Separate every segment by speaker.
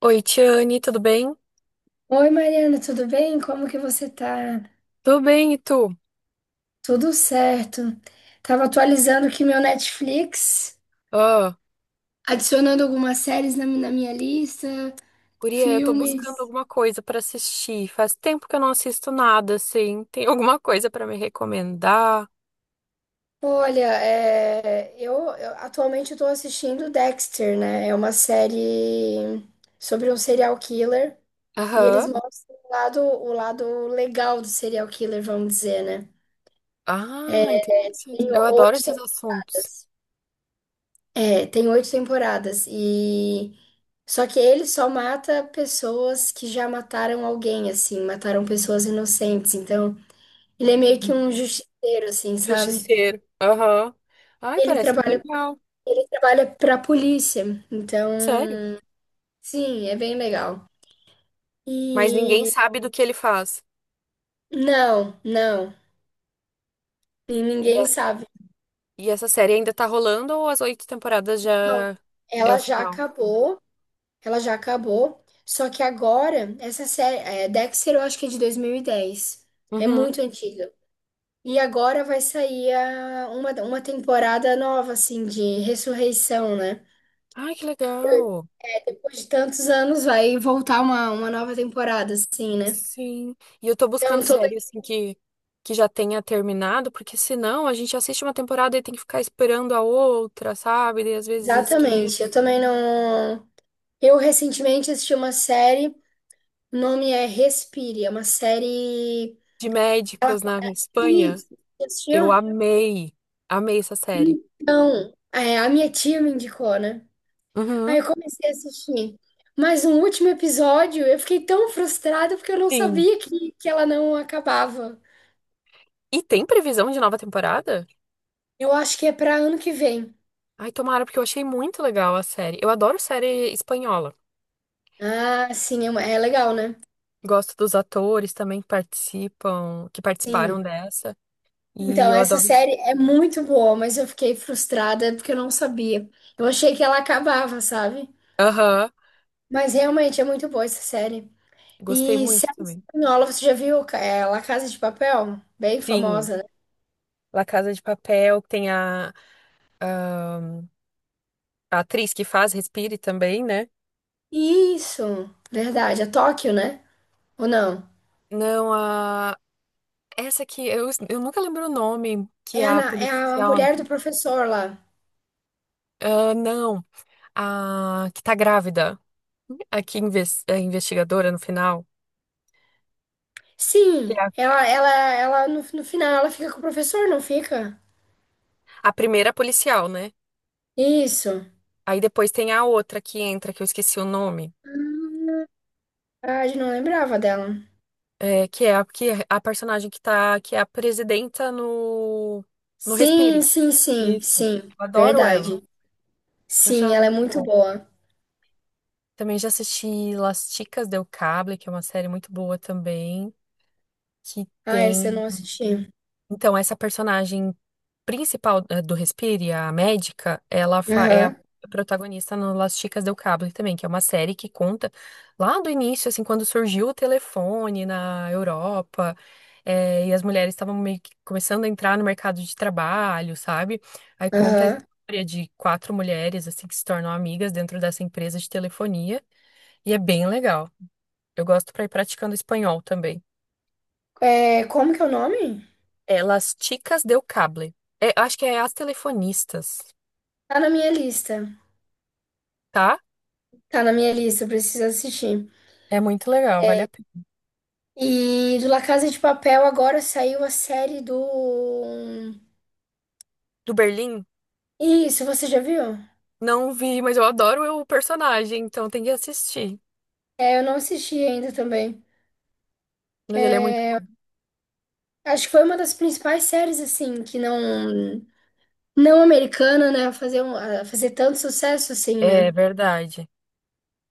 Speaker 1: Oi, Tiane, tudo bem?
Speaker 2: Oi, Mariana, tudo bem? Como que você tá?
Speaker 1: Tudo bem, e tu?
Speaker 2: Tudo certo. Tava atualizando aqui meu Netflix,
Speaker 1: Ah,
Speaker 2: adicionando algumas séries na minha lista,
Speaker 1: guria, eu tô buscando
Speaker 2: filmes.
Speaker 1: alguma coisa pra assistir. Faz tempo que eu não assisto nada, assim. Tem alguma coisa pra me recomendar?
Speaker 2: Olha, é, eu atualmente estou assistindo Dexter, né? É uma série sobre um serial killer e eles
Speaker 1: Aham.
Speaker 2: mostram o lado legal do serial killer, vamos dizer, né?
Speaker 1: Ah, interessante.
Speaker 2: Tem
Speaker 1: Eu adoro
Speaker 2: oito
Speaker 1: esses assuntos.
Speaker 2: temporadas. É, tem oito temporadas e só que ele só mata pessoas que já mataram alguém, assim, mataram pessoas inocentes. Então, ele é meio que um justiceiro, assim, sabe?
Speaker 1: Justiceiro. Aham. Ai,
Speaker 2: Ele
Speaker 1: parece
Speaker 2: trabalha,
Speaker 1: legal.
Speaker 2: ele trabalha pra polícia. Então,
Speaker 1: Sério?
Speaker 2: sim, é bem legal.
Speaker 1: Mas ninguém
Speaker 2: E
Speaker 1: sabe do que ele faz.
Speaker 2: não, não, e
Speaker 1: E, a-
Speaker 2: ninguém sabe.
Speaker 1: e essa série ainda tá rolando ou as 8 temporadas
Speaker 2: Não,
Speaker 1: já é o
Speaker 2: ela já
Speaker 1: final?
Speaker 2: acabou, ela já acabou. Só que agora, essa série, é, Dexter, eu acho que é de 2010. É
Speaker 1: Uhum.
Speaker 2: muito antiga. E agora vai sair uma temporada nova, assim, de ressurreição, né?
Speaker 1: Ai, que legal.
Speaker 2: Depois de tantos anos vai voltar uma nova temporada, assim, né?
Speaker 1: Sim. E eu tô buscando
Speaker 2: Então, tô
Speaker 1: série,
Speaker 2: bem...
Speaker 1: assim, que já tenha terminado, porque senão a gente assiste uma temporada e tem que ficar esperando a outra, sabe? E às vezes
Speaker 2: Exatamente.
Speaker 1: esquece.
Speaker 2: Eu também não. Eu recentemente assisti uma série, o nome é Respire, é uma série.
Speaker 1: De
Speaker 2: Ela.
Speaker 1: médicos na Espanha.
Speaker 2: Isso, você
Speaker 1: Eu
Speaker 2: assistiu?
Speaker 1: amei. Amei essa série.
Speaker 2: Então, é, a minha tia me indicou, né? Aí
Speaker 1: Uhum.
Speaker 2: eu comecei a assistir. Mas no último episódio eu fiquei tão frustrada porque eu não
Speaker 1: Sim.
Speaker 2: sabia que ela não acabava.
Speaker 1: E tem previsão de nova temporada?
Speaker 2: Eu acho que é pra ano que vem.
Speaker 1: Ai, tomara, porque eu achei muito legal a série. Eu adoro série espanhola.
Speaker 2: Ah, sim, é legal, né?
Speaker 1: Gosto dos atores também que participam, que
Speaker 2: Sim.
Speaker 1: participaram dessa. E
Speaker 2: Então,
Speaker 1: eu
Speaker 2: essa
Speaker 1: adoro.
Speaker 2: série é muito boa, mas eu fiquei frustrada porque eu não sabia. Eu achei que ela acabava, sabe?
Speaker 1: Aham.
Speaker 2: Mas realmente é muito boa essa série.
Speaker 1: Gostei
Speaker 2: E
Speaker 1: muito
Speaker 2: série
Speaker 1: também.
Speaker 2: espanhola, você já viu La Casa de Papel? Bem
Speaker 1: Sim.
Speaker 2: famosa, né?
Speaker 1: La Casa de Papel, tem a atriz que faz Respire também, né?
Speaker 2: Isso, verdade. É Tóquio, né? Ou não?
Speaker 1: Não, a. Essa aqui, eu nunca lembro o nome, que
Speaker 2: É
Speaker 1: é
Speaker 2: a,
Speaker 1: a
Speaker 2: Na- é a
Speaker 1: policial.
Speaker 2: mulher do professor lá.
Speaker 1: Ah, não, a que tá grávida, a que é investigadora no final, que
Speaker 2: Sim,
Speaker 1: é a,
Speaker 2: ela no final ela fica com o professor, não fica?
Speaker 1: a primeira policial, né?
Speaker 2: Isso.
Speaker 1: Aí depois tem a outra que entra, que eu esqueci o nome,
Speaker 2: Hum, verdade, não lembrava dela.
Speaker 1: é a personagem que tá, que é a presidenta no, no
Speaker 2: Sim,
Speaker 1: Respire.
Speaker 2: sim, sim,
Speaker 1: Isso.
Speaker 2: sim.
Speaker 1: Eu adoro ela.
Speaker 2: Verdade.
Speaker 1: Eu acho
Speaker 2: Sim,
Speaker 1: ela
Speaker 2: ela é
Speaker 1: muito
Speaker 2: muito
Speaker 1: boa.
Speaker 2: boa.
Speaker 1: Também já assisti Las Chicas del Cable, que é uma série muito boa também, que
Speaker 2: Ah, essa eu
Speaker 1: tem.
Speaker 2: não assisti.
Speaker 1: Então, essa personagem principal do Respire, a médica, ela é a
Speaker 2: Aham,
Speaker 1: protagonista no Las Chicas del Cable também, que é uma série que conta lá do início, assim, quando surgiu o telefone na Europa, e as mulheres estavam meio que começando a entrar no mercado de trabalho, sabe? Aí conta a
Speaker 2: aham.
Speaker 1: história de quatro mulheres, assim, que se tornam amigas dentro dessa empresa de telefonia, e é bem legal. Eu gosto pra ir praticando espanhol também.
Speaker 2: É, como que é o nome?
Speaker 1: Elas Las Chicas del Cable. É, acho que é As Telefonistas,
Speaker 2: Tá na minha lista.
Speaker 1: tá?
Speaker 2: Tá na minha lista, eu preciso assistir.
Speaker 1: É muito legal, vale a pena.
Speaker 2: E do La Casa de Papel agora saiu a série do.
Speaker 1: Do Berlim?
Speaker 2: Isso, você já viu?
Speaker 1: Não vi, mas eu adoro o personagem, então tem que assistir.
Speaker 2: É, eu não assisti ainda também.
Speaker 1: Mas ele é muito.
Speaker 2: É, acho que foi uma das principais séries, assim, que não americana, né? A fazer tanto sucesso, assim,
Speaker 1: É
Speaker 2: né?
Speaker 1: verdade.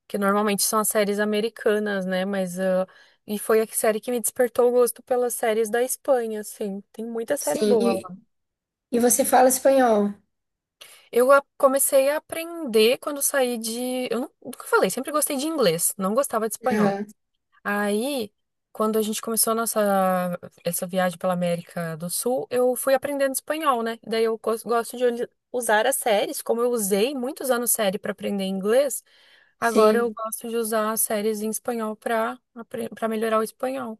Speaker 1: Que normalmente são as séries americanas, né? Mas. E foi a série que me despertou o gosto pelas séries da Espanha, assim. Tem muita série
Speaker 2: Sim,
Speaker 1: boa
Speaker 2: e,
Speaker 1: lá.
Speaker 2: e você fala espanhol.
Speaker 1: Eu comecei a aprender quando saí de. Eu nunca falei, sempre gostei de inglês, não gostava de espanhol.
Speaker 2: Aham,
Speaker 1: Aí, quando a gente começou a nossa essa viagem pela América do Sul, eu fui aprendendo espanhol, né? Daí eu gosto de usar as séries, como eu usei muitos anos série para aprender inglês, agora eu
Speaker 2: sim,
Speaker 1: gosto de usar as séries em espanhol para melhorar o espanhol.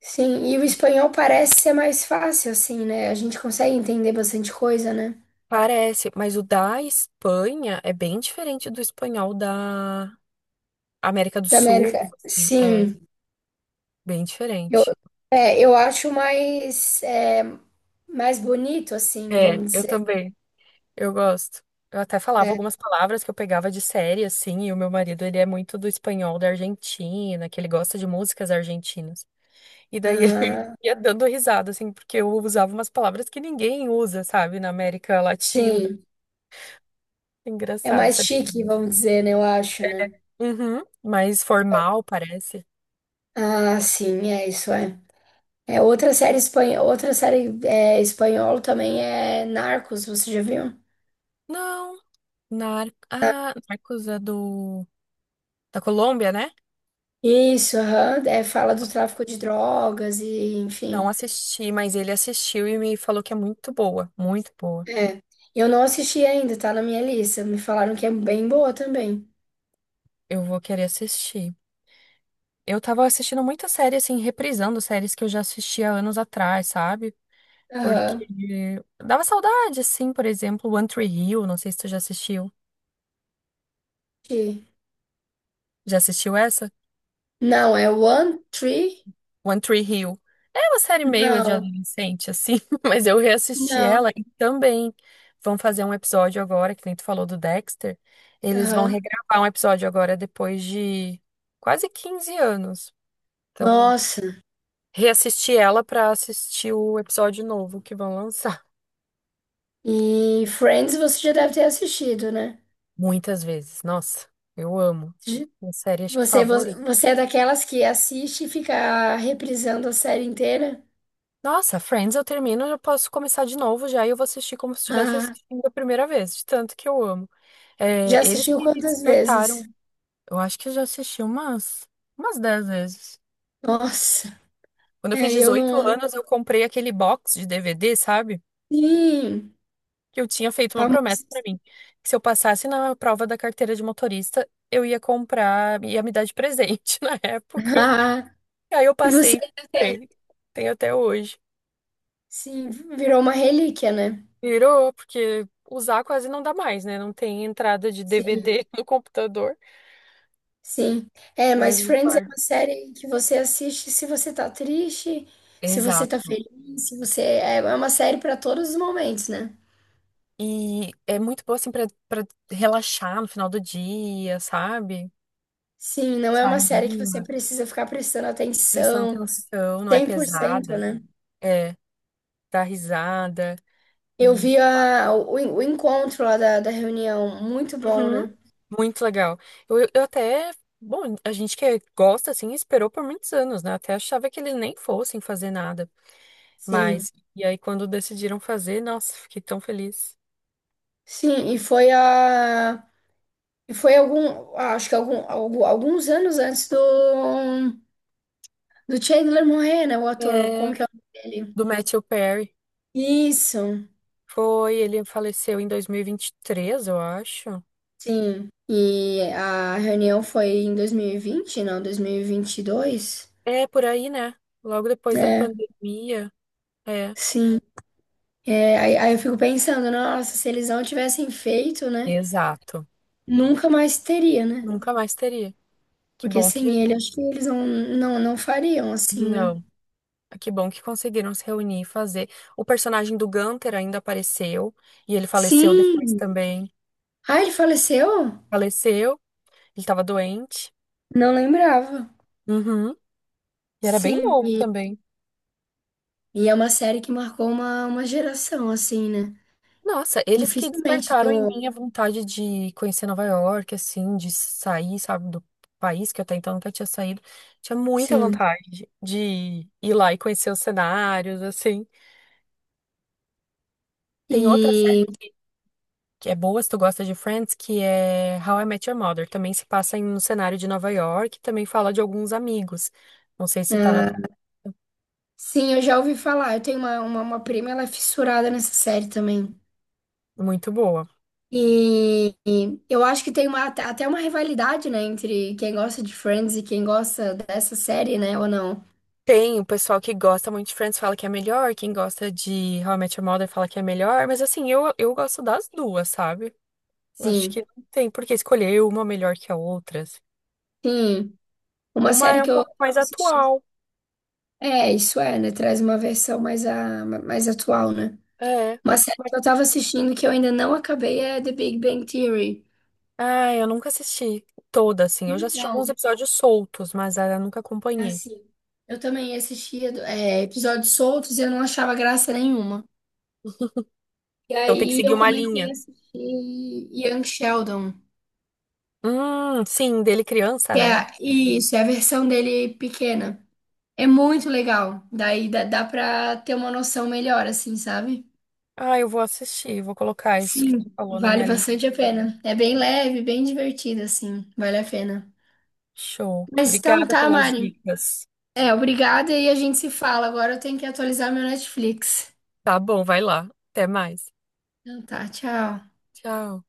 Speaker 2: sim. E o espanhol parece ser mais fácil, assim, né? A gente consegue entender bastante coisa, né?
Speaker 1: Parece, mas o da Espanha é bem diferente do espanhol da América do
Speaker 2: Da
Speaker 1: Sul,
Speaker 2: América.
Speaker 1: assim, é
Speaker 2: Sim,
Speaker 1: bem
Speaker 2: eu,
Speaker 1: diferente.
Speaker 2: eu acho mais bonito, assim,
Speaker 1: É,
Speaker 2: vamos
Speaker 1: eu
Speaker 2: dizer.
Speaker 1: também. Eu gosto. Eu até falava
Speaker 2: É.
Speaker 1: algumas palavras que eu pegava de série, assim, e o meu marido, ele é muito do espanhol da Argentina, que ele gosta de músicas argentinas. E daí ele
Speaker 2: Ah,
Speaker 1: ia dando risada, assim, porque eu usava umas palavras que ninguém usa, sabe, na América Latina.
Speaker 2: sim. É
Speaker 1: Engraçado
Speaker 2: mais
Speaker 1: essa
Speaker 2: chique,
Speaker 1: diferença.
Speaker 2: vamos dizer, né? Eu acho, né?
Speaker 1: Uhum. Mais formal, parece.
Speaker 2: Ah, sim, é isso, é. É outra série espanhola, outra série espanhola também é Narcos, você já viu?
Speaker 1: Não, Ah, Narcos é da Colômbia, né?
Speaker 2: Isso, aham, é, fala do tráfico de drogas e,
Speaker 1: Não
Speaker 2: enfim.
Speaker 1: assisti, mas ele assistiu e me falou que é muito boa, muito boa.
Speaker 2: É. Eu não assisti ainda, tá na minha lista. Me falaram que é bem boa também.
Speaker 1: Eu vou querer assistir. Eu tava assistindo muita série, assim, reprisando séries que eu já assistia anos atrás, sabe?
Speaker 2: Aham.
Speaker 1: Porque dava saudade, assim, por exemplo, One Tree Hill, não sei se tu já assistiu.
Speaker 2: Assisti.
Speaker 1: Já assistiu essa?
Speaker 2: Não, é One Tree?
Speaker 1: One Tree Hill. É uma série meio de
Speaker 2: Não,
Speaker 1: adolescente, assim, mas eu reassisti
Speaker 2: não.
Speaker 1: ela e também vão fazer um episódio agora, que nem tu falou do Dexter. Eles vão
Speaker 2: Aham.
Speaker 1: regravar um episódio agora depois de quase 15 anos. Então, eu
Speaker 2: Nossa.
Speaker 1: reassisti ela pra assistir o episódio novo que vão lançar.
Speaker 2: E Friends você já deve ter assistido, né?
Speaker 1: Muitas vezes. Nossa, eu amo. Minha série, acho que
Speaker 2: Você, vo-
Speaker 1: favorita.
Speaker 2: você é daquelas que assiste e fica reprisando a série inteira?
Speaker 1: Nossa, Friends eu termino, eu posso começar de novo já e eu vou assistir como se estivesse
Speaker 2: Ah,
Speaker 1: assistindo a primeira vez, de tanto que eu amo. É,
Speaker 2: já
Speaker 1: eles
Speaker 2: assistiu
Speaker 1: que me
Speaker 2: quantas
Speaker 1: despertaram.
Speaker 2: vezes?
Speaker 1: Eu acho que eu já assisti umas, 10 vezes.
Speaker 2: Nossa,
Speaker 1: Quando eu fiz
Speaker 2: eu
Speaker 1: 18
Speaker 2: não.
Speaker 1: anos, eu comprei aquele box de DVD, sabe?
Speaker 2: Sim,
Speaker 1: Que eu tinha feito uma
Speaker 2: famoso.
Speaker 1: promessa pra mim, que se eu passasse na prova da carteira de motorista, eu ia comprar, ia me dar de presente na época.
Speaker 2: Ah,
Speaker 1: E aí eu
Speaker 2: e você
Speaker 1: passei e
Speaker 2: ainda tem?
Speaker 1: ele, tem até hoje.
Speaker 2: Sim, virou uma relíquia, né?
Speaker 1: Virou, porque usar quase não dá mais, né? Não tem entrada de
Speaker 2: Sim,
Speaker 1: DVD no computador,
Speaker 2: sim. É,
Speaker 1: mas
Speaker 2: mas
Speaker 1: eu
Speaker 2: Friends é
Speaker 1: guardo.
Speaker 2: uma série que você assiste se você tá triste, se você tá
Speaker 1: Exato.
Speaker 2: feliz, se você. É é uma série pra todos os momentos, né?
Speaker 1: E é muito bom, assim, pra relaxar no final do dia, sabe?
Speaker 2: Sim, não é
Speaker 1: Te
Speaker 2: uma série que você
Speaker 1: anima,
Speaker 2: precisa ficar prestando
Speaker 1: prestando
Speaker 2: atenção.
Speaker 1: atenção, não é
Speaker 2: 100%,
Speaker 1: pesada.
Speaker 2: né?
Speaker 1: É, dá risada.
Speaker 2: Eu
Speaker 1: E...
Speaker 2: vi o encontro lá da reunião, muito bom,
Speaker 1: Uhum,
Speaker 2: né?
Speaker 1: muito legal. Eu até. Bom, a gente que é, gosta, assim, esperou por muitos anos, né? Até achava que eles nem fossem fazer nada.
Speaker 2: Sim,
Speaker 1: Mas, e aí quando decidiram fazer, nossa, fiquei tão feliz.
Speaker 2: sim, e foi a. E foi algum. Acho que alguns anos antes do Chandler morrer, né? O ator,
Speaker 1: É,
Speaker 2: como que é o nome dele?
Speaker 1: do Matthew Perry.
Speaker 2: Isso,
Speaker 1: Foi, ele faleceu em dois mil e vinte e três eu acho.
Speaker 2: sim. E a reunião foi em 2020, não, Dois mil e vinte e dois.
Speaker 1: É, por aí, né? Logo depois da
Speaker 2: É,
Speaker 1: pandemia. É,
Speaker 2: sim. É, aí, aí eu fico pensando, nossa, se eles não tivessem feito, né?
Speaker 1: exato.
Speaker 2: Nunca mais teria, né?
Speaker 1: Nunca mais teria. Que
Speaker 2: Porque
Speaker 1: bom que.
Speaker 2: sem ele, acho que eles não fariam assim, né?
Speaker 1: Não. Que bom que conseguiram se reunir e fazer. O personagem do Gunther ainda apareceu. E ele faleceu depois
Speaker 2: Sim,
Speaker 1: também.
Speaker 2: Ah, ele faleceu?
Speaker 1: Faleceu. Ele tava doente.
Speaker 2: Não lembrava.
Speaker 1: Uhum. E era bem
Speaker 2: Sim,
Speaker 1: novo
Speaker 2: e,
Speaker 1: também.
Speaker 2: e é uma série que marcou uma geração, assim, né?
Speaker 1: Nossa, eles que
Speaker 2: Dificilmente
Speaker 1: despertaram em
Speaker 2: tô.
Speaker 1: mim a vontade de conhecer Nova York, assim, de sair, sabe, do país que até então nunca tinha saído. Tinha muita
Speaker 2: Sim.
Speaker 1: vontade de ir lá e conhecer os cenários, assim. Tem outra série
Speaker 2: E.
Speaker 1: que, é boa, se tu gosta de Friends, que é How I Met Your Mother. Também se passa em um cenário de Nova York, e também fala de alguns amigos. Não sei se tá na.
Speaker 2: ah, sim, eu já ouvi falar. Eu tenho uma prima, ela é fissurada nessa série também.
Speaker 1: Muito boa.
Speaker 2: E eu acho que tem uma, até uma rivalidade, né? Entre quem gosta de Friends e quem gosta dessa série, né? Ou não?
Speaker 1: Tem o pessoal que gosta muito de Friends fala que é melhor, quem gosta de How I Met Your Mother fala que é melhor, mas assim, eu gosto das duas, sabe? Eu acho
Speaker 2: Sim.
Speaker 1: que não tem por que escolher uma melhor que a outra, assim.
Speaker 2: Sim. Uma
Speaker 1: Uma
Speaker 2: série
Speaker 1: é um
Speaker 2: que eu
Speaker 1: pouco mais
Speaker 2: assisti.
Speaker 1: atual.
Speaker 2: É, isso é, né? Traz uma versão mais, a, mais atual, né?
Speaker 1: É.
Speaker 2: Uma série que eu
Speaker 1: mas-
Speaker 2: tava assistindo que eu ainda não acabei é The Big Bang Theory.
Speaker 1: Ah, eu nunca assisti toda, assim. Eu já assisti alguns
Speaker 2: Então,
Speaker 1: episódios soltos, mas eu nunca
Speaker 2: é
Speaker 1: acompanhei.
Speaker 2: assim, eu também assistia episódios soltos e eu não achava graça nenhuma. E
Speaker 1: Então tem que
Speaker 2: aí
Speaker 1: seguir
Speaker 2: eu
Speaker 1: uma
Speaker 2: comecei a
Speaker 1: linha.
Speaker 2: assistir Young Sheldon,
Speaker 1: Sim, dele criança,
Speaker 2: que
Speaker 1: né?
Speaker 2: é isso, é a versão dele pequena. É muito legal. Daí dá pra ter uma noção melhor, assim, sabe?
Speaker 1: Ah, eu vou assistir, vou colocar isso que
Speaker 2: Sim,
Speaker 1: tu falou na
Speaker 2: vale
Speaker 1: minha lista.
Speaker 2: bastante a pena. É bem leve, bem divertido, assim. Vale a pena.
Speaker 1: Show.
Speaker 2: Mas então
Speaker 1: Obrigada
Speaker 2: tá,
Speaker 1: pelas
Speaker 2: Mari.
Speaker 1: dicas.
Speaker 2: É, obrigada e a gente se fala. Agora eu tenho que atualizar meu Netflix.
Speaker 1: Tá bom, vai lá. Até mais.
Speaker 2: Então tá, tchau.
Speaker 1: Tchau.